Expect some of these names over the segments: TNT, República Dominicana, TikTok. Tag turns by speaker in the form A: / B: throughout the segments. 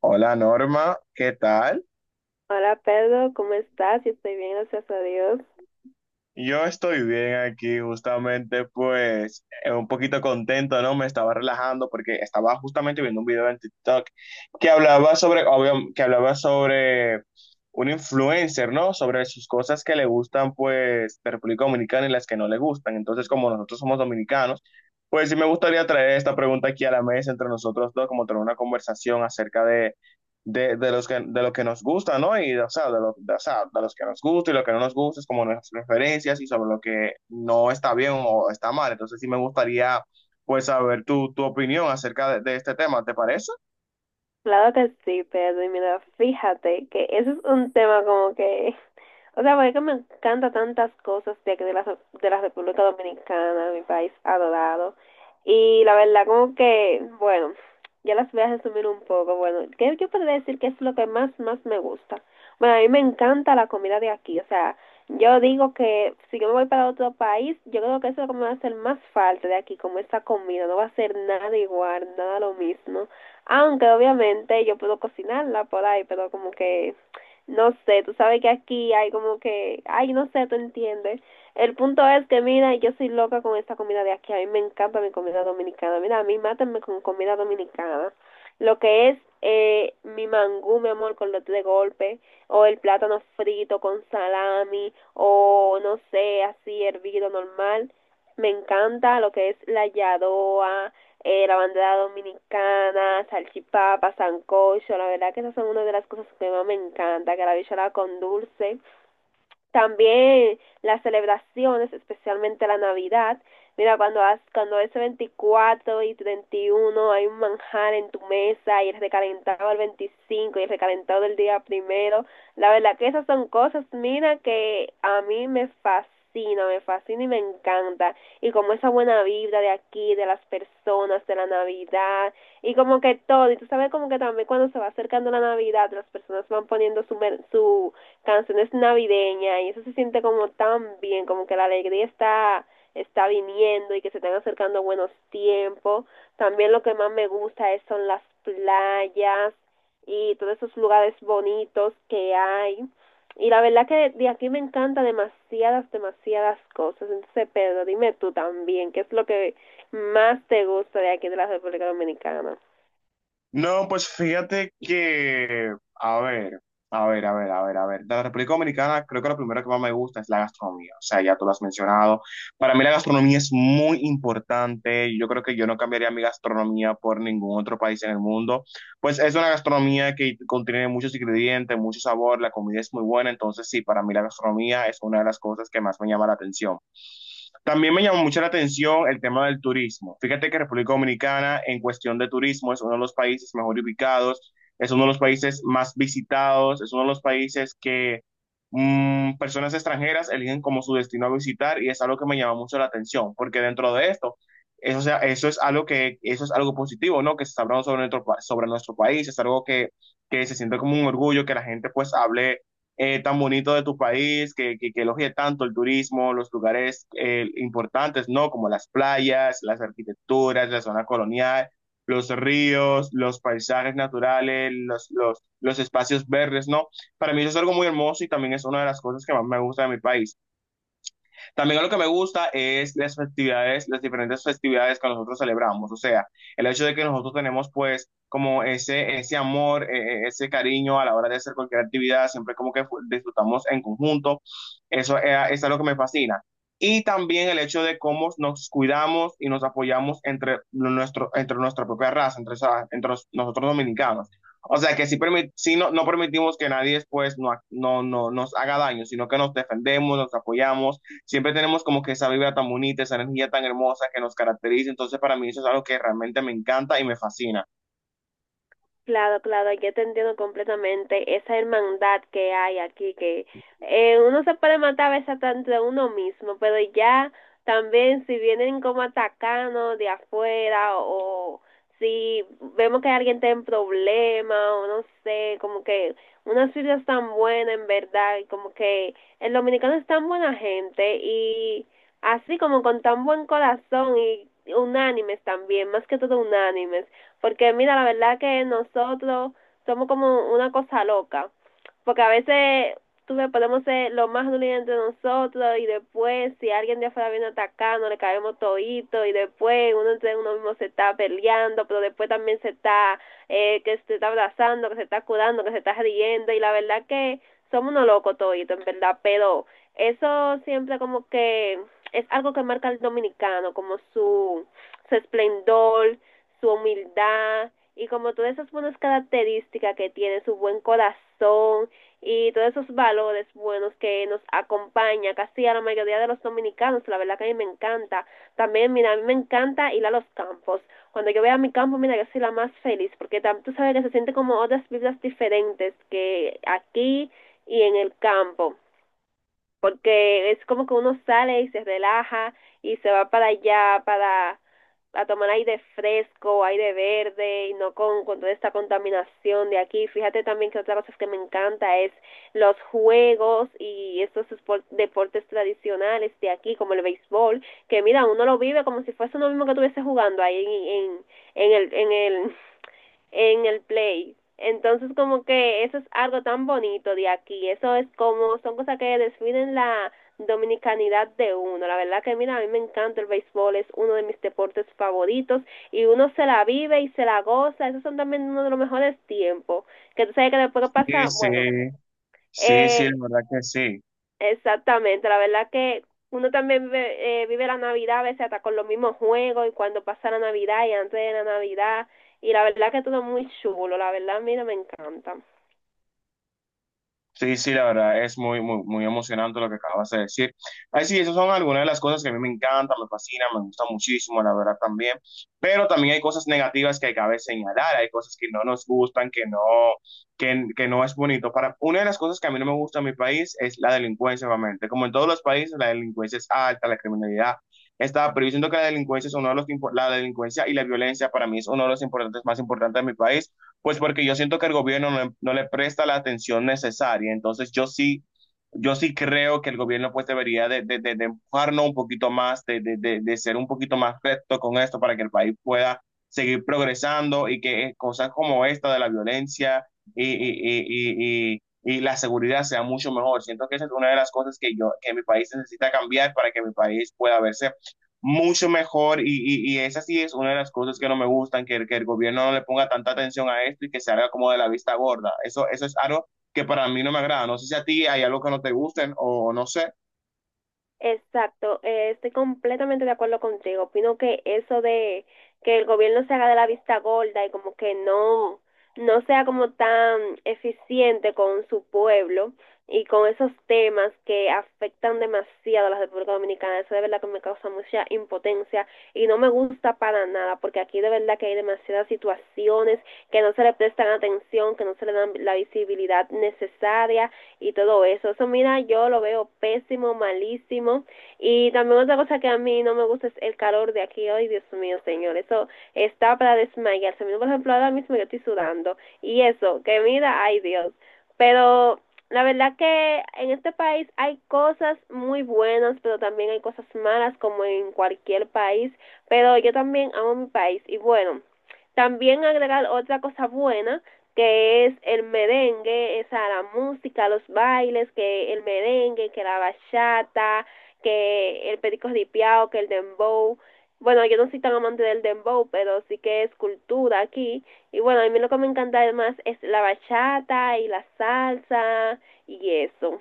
A: Hola Norma, ¿qué tal?
B: Hola Pedro, ¿cómo estás? Yo estoy bien, gracias a Dios.
A: Yo estoy bien aquí justamente un poquito contento, ¿no? Me estaba relajando porque estaba justamente viendo un video en TikTok que hablaba sobre, obvio, que hablaba sobre un influencer, ¿no? Sobre sus cosas que le gustan pues de República Dominicana y las que no le gustan. Entonces, como nosotros somos dominicanos, pues sí me gustaría traer esta pregunta aquí a la mesa entre nosotros dos, como tener una conversación acerca de lo que nos gusta, ¿no? Y, o sea, de, lo, de, o sea, de los que nos gusta y lo que no nos gusta, es como nuestras preferencias y sobre lo que no está bien o está mal. Entonces sí me gustaría, pues, saber tu opinión acerca de este tema, ¿te parece?
B: Claro que sí, Pedro. Y mira, fíjate que eso es un tema como que... O sea, porque me encanta tantas cosas de, aquí de la República Dominicana, mi país adorado. Y la verdad, como que, bueno, ya las voy a resumir un poco. Bueno, ¿qué yo podría decir que es lo que más, más me gusta? Bueno, a mí me encanta la comida de aquí. O sea, yo digo que si yo me voy para otro país, yo creo que eso es lo que me va a hacer más falta de aquí, como esta comida. No va a ser nada igual, nada lo mismo. Aunque obviamente yo puedo cocinarla por ahí, pero como que no sé, tú sabes que aquí hay como que, ay, no sé, tú entiendes. El punto es que, mira, yo soy loca con esta comida de aquí, a mí me encanta mi comida dominicana, mira, a mí mátenme con comida dominicana. Lo que es mi mangú, mi amor, con lote de golpe, o el plátano frito con salami, o no sé, así hervido normal me encanta lo que es la yadoa, la bandera dominicana, salchipapa, sancocho, la verdad que esas son una de las cosas que más me encanta, que la bichola con dulce, también las celebraciones, especialmente la Navidad. Mira, cuando, has, cuando es 24 y 31 hay un manjar en tu mesa y el recalentado del 25 y el recalentado del día primero. La verdad que esas son cosas, mira, que a mí me fascina, y me encanta. Y como esa buena vibra de aquí, de las personas, de la Navidad, y como que todo. Y tú sabes como que también cuando se va acercando la Navidad, las personas van poniendo su, su canciones navideñas y eso se siente como tan bien, como que la alegría está viniendo y que se están acercando buenos tiempos. También lo que más me gusta es son las playas y todos esos lugares bonitos que hay. Y la verdad que de aquí me encanta demasiadas, demasiadas cosas. Entonces, Pedro, dime tú también, ¿qué es lo que más te gusta de aquí de la República Dominicana?
A: No, pues fíjate que, a ver. De la República Dominicana, creo que lo primero que más me gusta es la gastronomía. O sea, ya tú lo has mencionado. Para mí la gastronomía es muy importante. Yo creo que yo no cambiaría mi gastronomía por ningún otro país en el mundo. Pues es una gastronomía que contiene muchos ingredientes, mucho sabor, la comida es muy buena. Entonces, sí, para mí la gastronomía es una de las cosas que más me llama la atención. También me llamó mucho la atención el tema del turismo. Fíjate que República Dominicana, en cuestión de turismo, es uno de los países mejor ubicados, es uno de los países más visitados, es uno de los países que personas extranjeras eligen como su destino a visitar y es algo que me llama mucho la atención, porque dentro de esto, eso es algo que, eso es algo positivo, ¿no? Que se está hablando sobre sobre nuestro país, es algo que se siente como un orgullo, que la gente pues hable tan bonito de tu país, que elogie tanto el turismo, los lugares importantes, ¿no? Como las playas, las arquitecturas, la zona colonial, los ríos, los paisajes naturales, los espacios verdes, ¿no? Para mí eso es algo muy hermoso y también es una de las cosas que más me gusta de mi país. También algo que me gusta es las festividades, las diferentes festividades que nosotros celebramos, o sea, el hecho de que nosotros tenemos pues como ese amor, ese cariño a la hora de hacer cualquier actividad, siempre como que disfrutamos en conjunto, eso es algo que me fascina. Y también el hecho de cómo nos cuidamos y nos apoyamos entre nuestra propia raza, entre, esa- entre los- nosotros dominicanos. O sea que sí, sí no, no permitimos que nadie después no, ha- no, no, nos haga daño, sino que nos defendemos, nos apoyamos. Siempre tenemos como que esa vibra tan bonita, esa energía tan hermosa que nos caracteriza. Entonces, para mí eso es algo que realmente me encanta y me fascina.
B: Claro, claro, yo te entiendo completamente esa hermandad que hay aquí, que uno se puede matar a veces hasta entre uno mismo, pero ya también si vienen como atacanos de afuera o si vemos que alguien está en problema o no sé, como que unas filas tan buenas en verdad, y como que el dominicano es tan buena gente y así como con tan buen corazón y unánimes también, más que todo unánimes, porque mira, la verdad que nosotros somos como una cosa loca, porque a veces tú ves, podemos ser lo más dolientes de nosotros y después si alguien de afuera viene atacando, le caemos todito y después uno entre uno mismo se está peleando, pero después también se está, que se está abrazando, que se está curando, que se está riendo y la verdad que somos unos locos toditos, en verdad, pero eso siempre como que es algo que marca al dominicano, como su esplendor, su humildad y como todas esas buenas características que tiene, su buen corazón y todos esos valores buenos que nos acompaña casi a la mayoría de los dominicanos, la verdad que a mí me encanta. También, mira, a mí me encanta ir a los campos. Cuando yo voy a mi campo, mira, yo soy la más feliz, porque tam- tú sabes que se siente como otras vidas diferentes, que aquí y en el campo, porque es como que uno sale y se relaja y se va para allá para a tomar aire fresco, aire verde y no con, con toda esta contaminación de aquí. Fíjate también que otra cosa que me encanta es los juegos y estos deportes tradicionales de aquí, como el béisbol, que mira, uno lo vive como si fuese uno mismo que estuviese jugando ahí en el, en el en el play. Entonces como que eso es algo tan bonito de aquí, eso es como, son cosas que definen la dominicanidad de uno. La verdad que mira, a mí me encanta el béisbol, es uno de mis deportes favoritos y uno se la vive y se la goza, esos son también uno de los mejores tiempos, que tú sabes que después que
A: Sí,
B: pasa,
A: sí,
B: bueno,
A: sí, sí, la
B: eh,
A: verdad que sí.
B: Exactamente, la verdad que uno también ve- vive la Navidad a veces hasta con los mismos juegos y cuando pasa la Navidad y antes de la Navidad y la verdad que todo muy chulo, la verdad, mira, me encanta.
A: Sí, sí, la verdad es muy, muy, muy emocionante lo que acabas de decir. Ay, sí, esas son algunas de las cosas que a mí me encantan, me fascinan, me gusta muchísimo, la verdad también. Pero también hay cosas negativas que cabe señalar, hay cosas que no nos gustan, que no es bonito. Una de las cosas que a mí no me gusta en mi país es la delincuencia, obviamente. Como en todos los países, la delincuencia es alta, la criminalidad está, pero yo siento que la delincuencia es uno de los, la delincuencia y la violencia para mí es uno de los más importantes de mi país pues porque yo siento que el gobierno no le presta la atención necesaria. Entonces yo sí, yo sí creo que el gobierno pues debería de empujarnos un poquito más, de ser un poquito más recto con esto para que el país pueda seguir progresando y que cosas como esta de la violencia y la seguridad sea mucho mejor. Siento que esa es una de las cosas que mi país necesita cambiar para que mi país pueda verse mucho mejor y esa sí es una de las cosas que no me gustan, que el gobierno no le ponga tanta atención a esto y que se haga como de la vista gorda. Eso es algo que para mí no me agrada. No sé si a ti hay algo que no te gusten o no sé.
B: Exacto, estoy completamente de acuerdo contigo. Opino que eso de que el gobierno se haga de la vista gorda y como que no, no sea como tan eficiente con su pueblo y con esos temas que afectan demasiado a la República Dominicana, eso de verdad que me causa mucha impotencia y no me gusta para nada porque aquí de verdad que hay demasiadas situaciones que no se le prestan atención, que no se le dan la visibilidad necesaria y todo eso. Eso, mira, yo lo veo pésimo, malísimo. Y también otra cosa que a mí no me gusta es el calor de aquí hoy, Dios mío, señor. Eso está para desmayarse. Por ejemplo, ahora mismo yo estoy sudando. Y eso, que mira, ay Dios. Pero la verdad que en este país hay cosas muy buenas, pero también hay cosas malas como en cualquier país. Pero yo también amo mi país. Y bueno, también agregar otra cosa buena que es el merengue, esa la música, los bailes, que el merengue, que la bachata, que el perico ripiao, que el dembow. Bueno, yo no soy tan amante del dembow, pero sí que es cultura aquí. Y bueno, a mí lo que me encanta además es la bachata y la salsa y eso.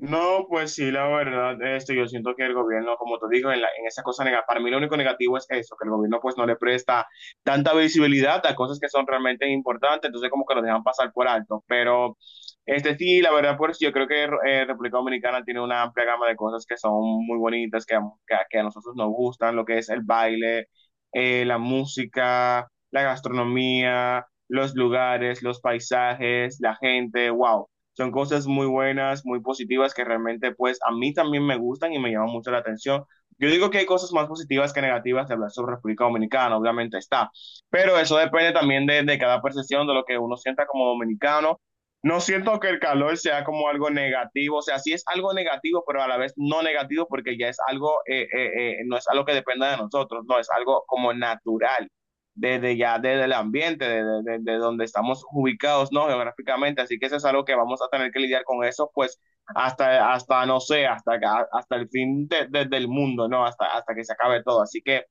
A: No, pues sí, la verdad, este, yo siento que el gobierno, como te digo, en esa cosa negativa, para mí lo único negativo es eso, que el gobierno pues no le presta tanta visibilidad a cosas que son realmente importantes, entonces como que lo dejan pasar por alto, pero este sí, la verdad, pues yo creo que República Dominicana tiene una amplia gama de cosas que son muy bonitas, que, que a nosotros nos gustan, lo que es el baile, la música, la gastronomía, los lugares, los paisajes, la gente, wow. Son cosas muy buenas, muy positivas que realmente pues a mí también me gustan y me llaman mucho la atención. Yo digo que hay cosas más positivas que negativas de hablar sobre República Dominicana, obviamente está, pero eso depende también de cada percepción, de lo que uno sienta como dominicano. No siento que el calor sea como algo negativo, o sea, sí es algo negativo, pero a la vez no negativo porque ya es algo, no es algo que dependa de nosotros, no, es algo como natural desde ya desde el ambiente, desde donde estamos ubicados, ¿no? Geográficamente, así que eso es algo que vamos a tener que lidiar con eso, pues hasta no sé, hasta, hasta el fin del mundo, ¿no? Hasta, hasta que se acabe todo, así que,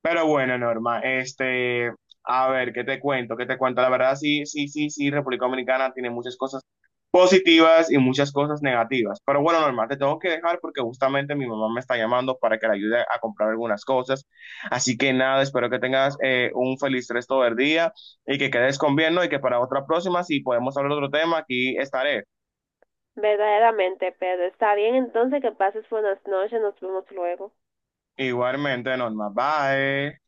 A: pero bueno, Norma, este, a ver, ¿qué te cuento? ¿Qué te cuento? La verdad, sí, República Dominicana tiene muchas cosas positivas y muchas cosas negativas. Pero bueno, normal, te tengo que dejar porque justamente mi mamá me está llamando para que la ayude a comprar algunas cosas. Así que nada, espero que tengas un feliz resto del día y que quedes con bien, ¿no? Y que para otra próxima, si podemos hablar de otro tema, aquí estaré.
B: Verdaderamente, pero está bien entonces que pases buenas noches, nos vemos luego.
A: Igualmente, normal, bye.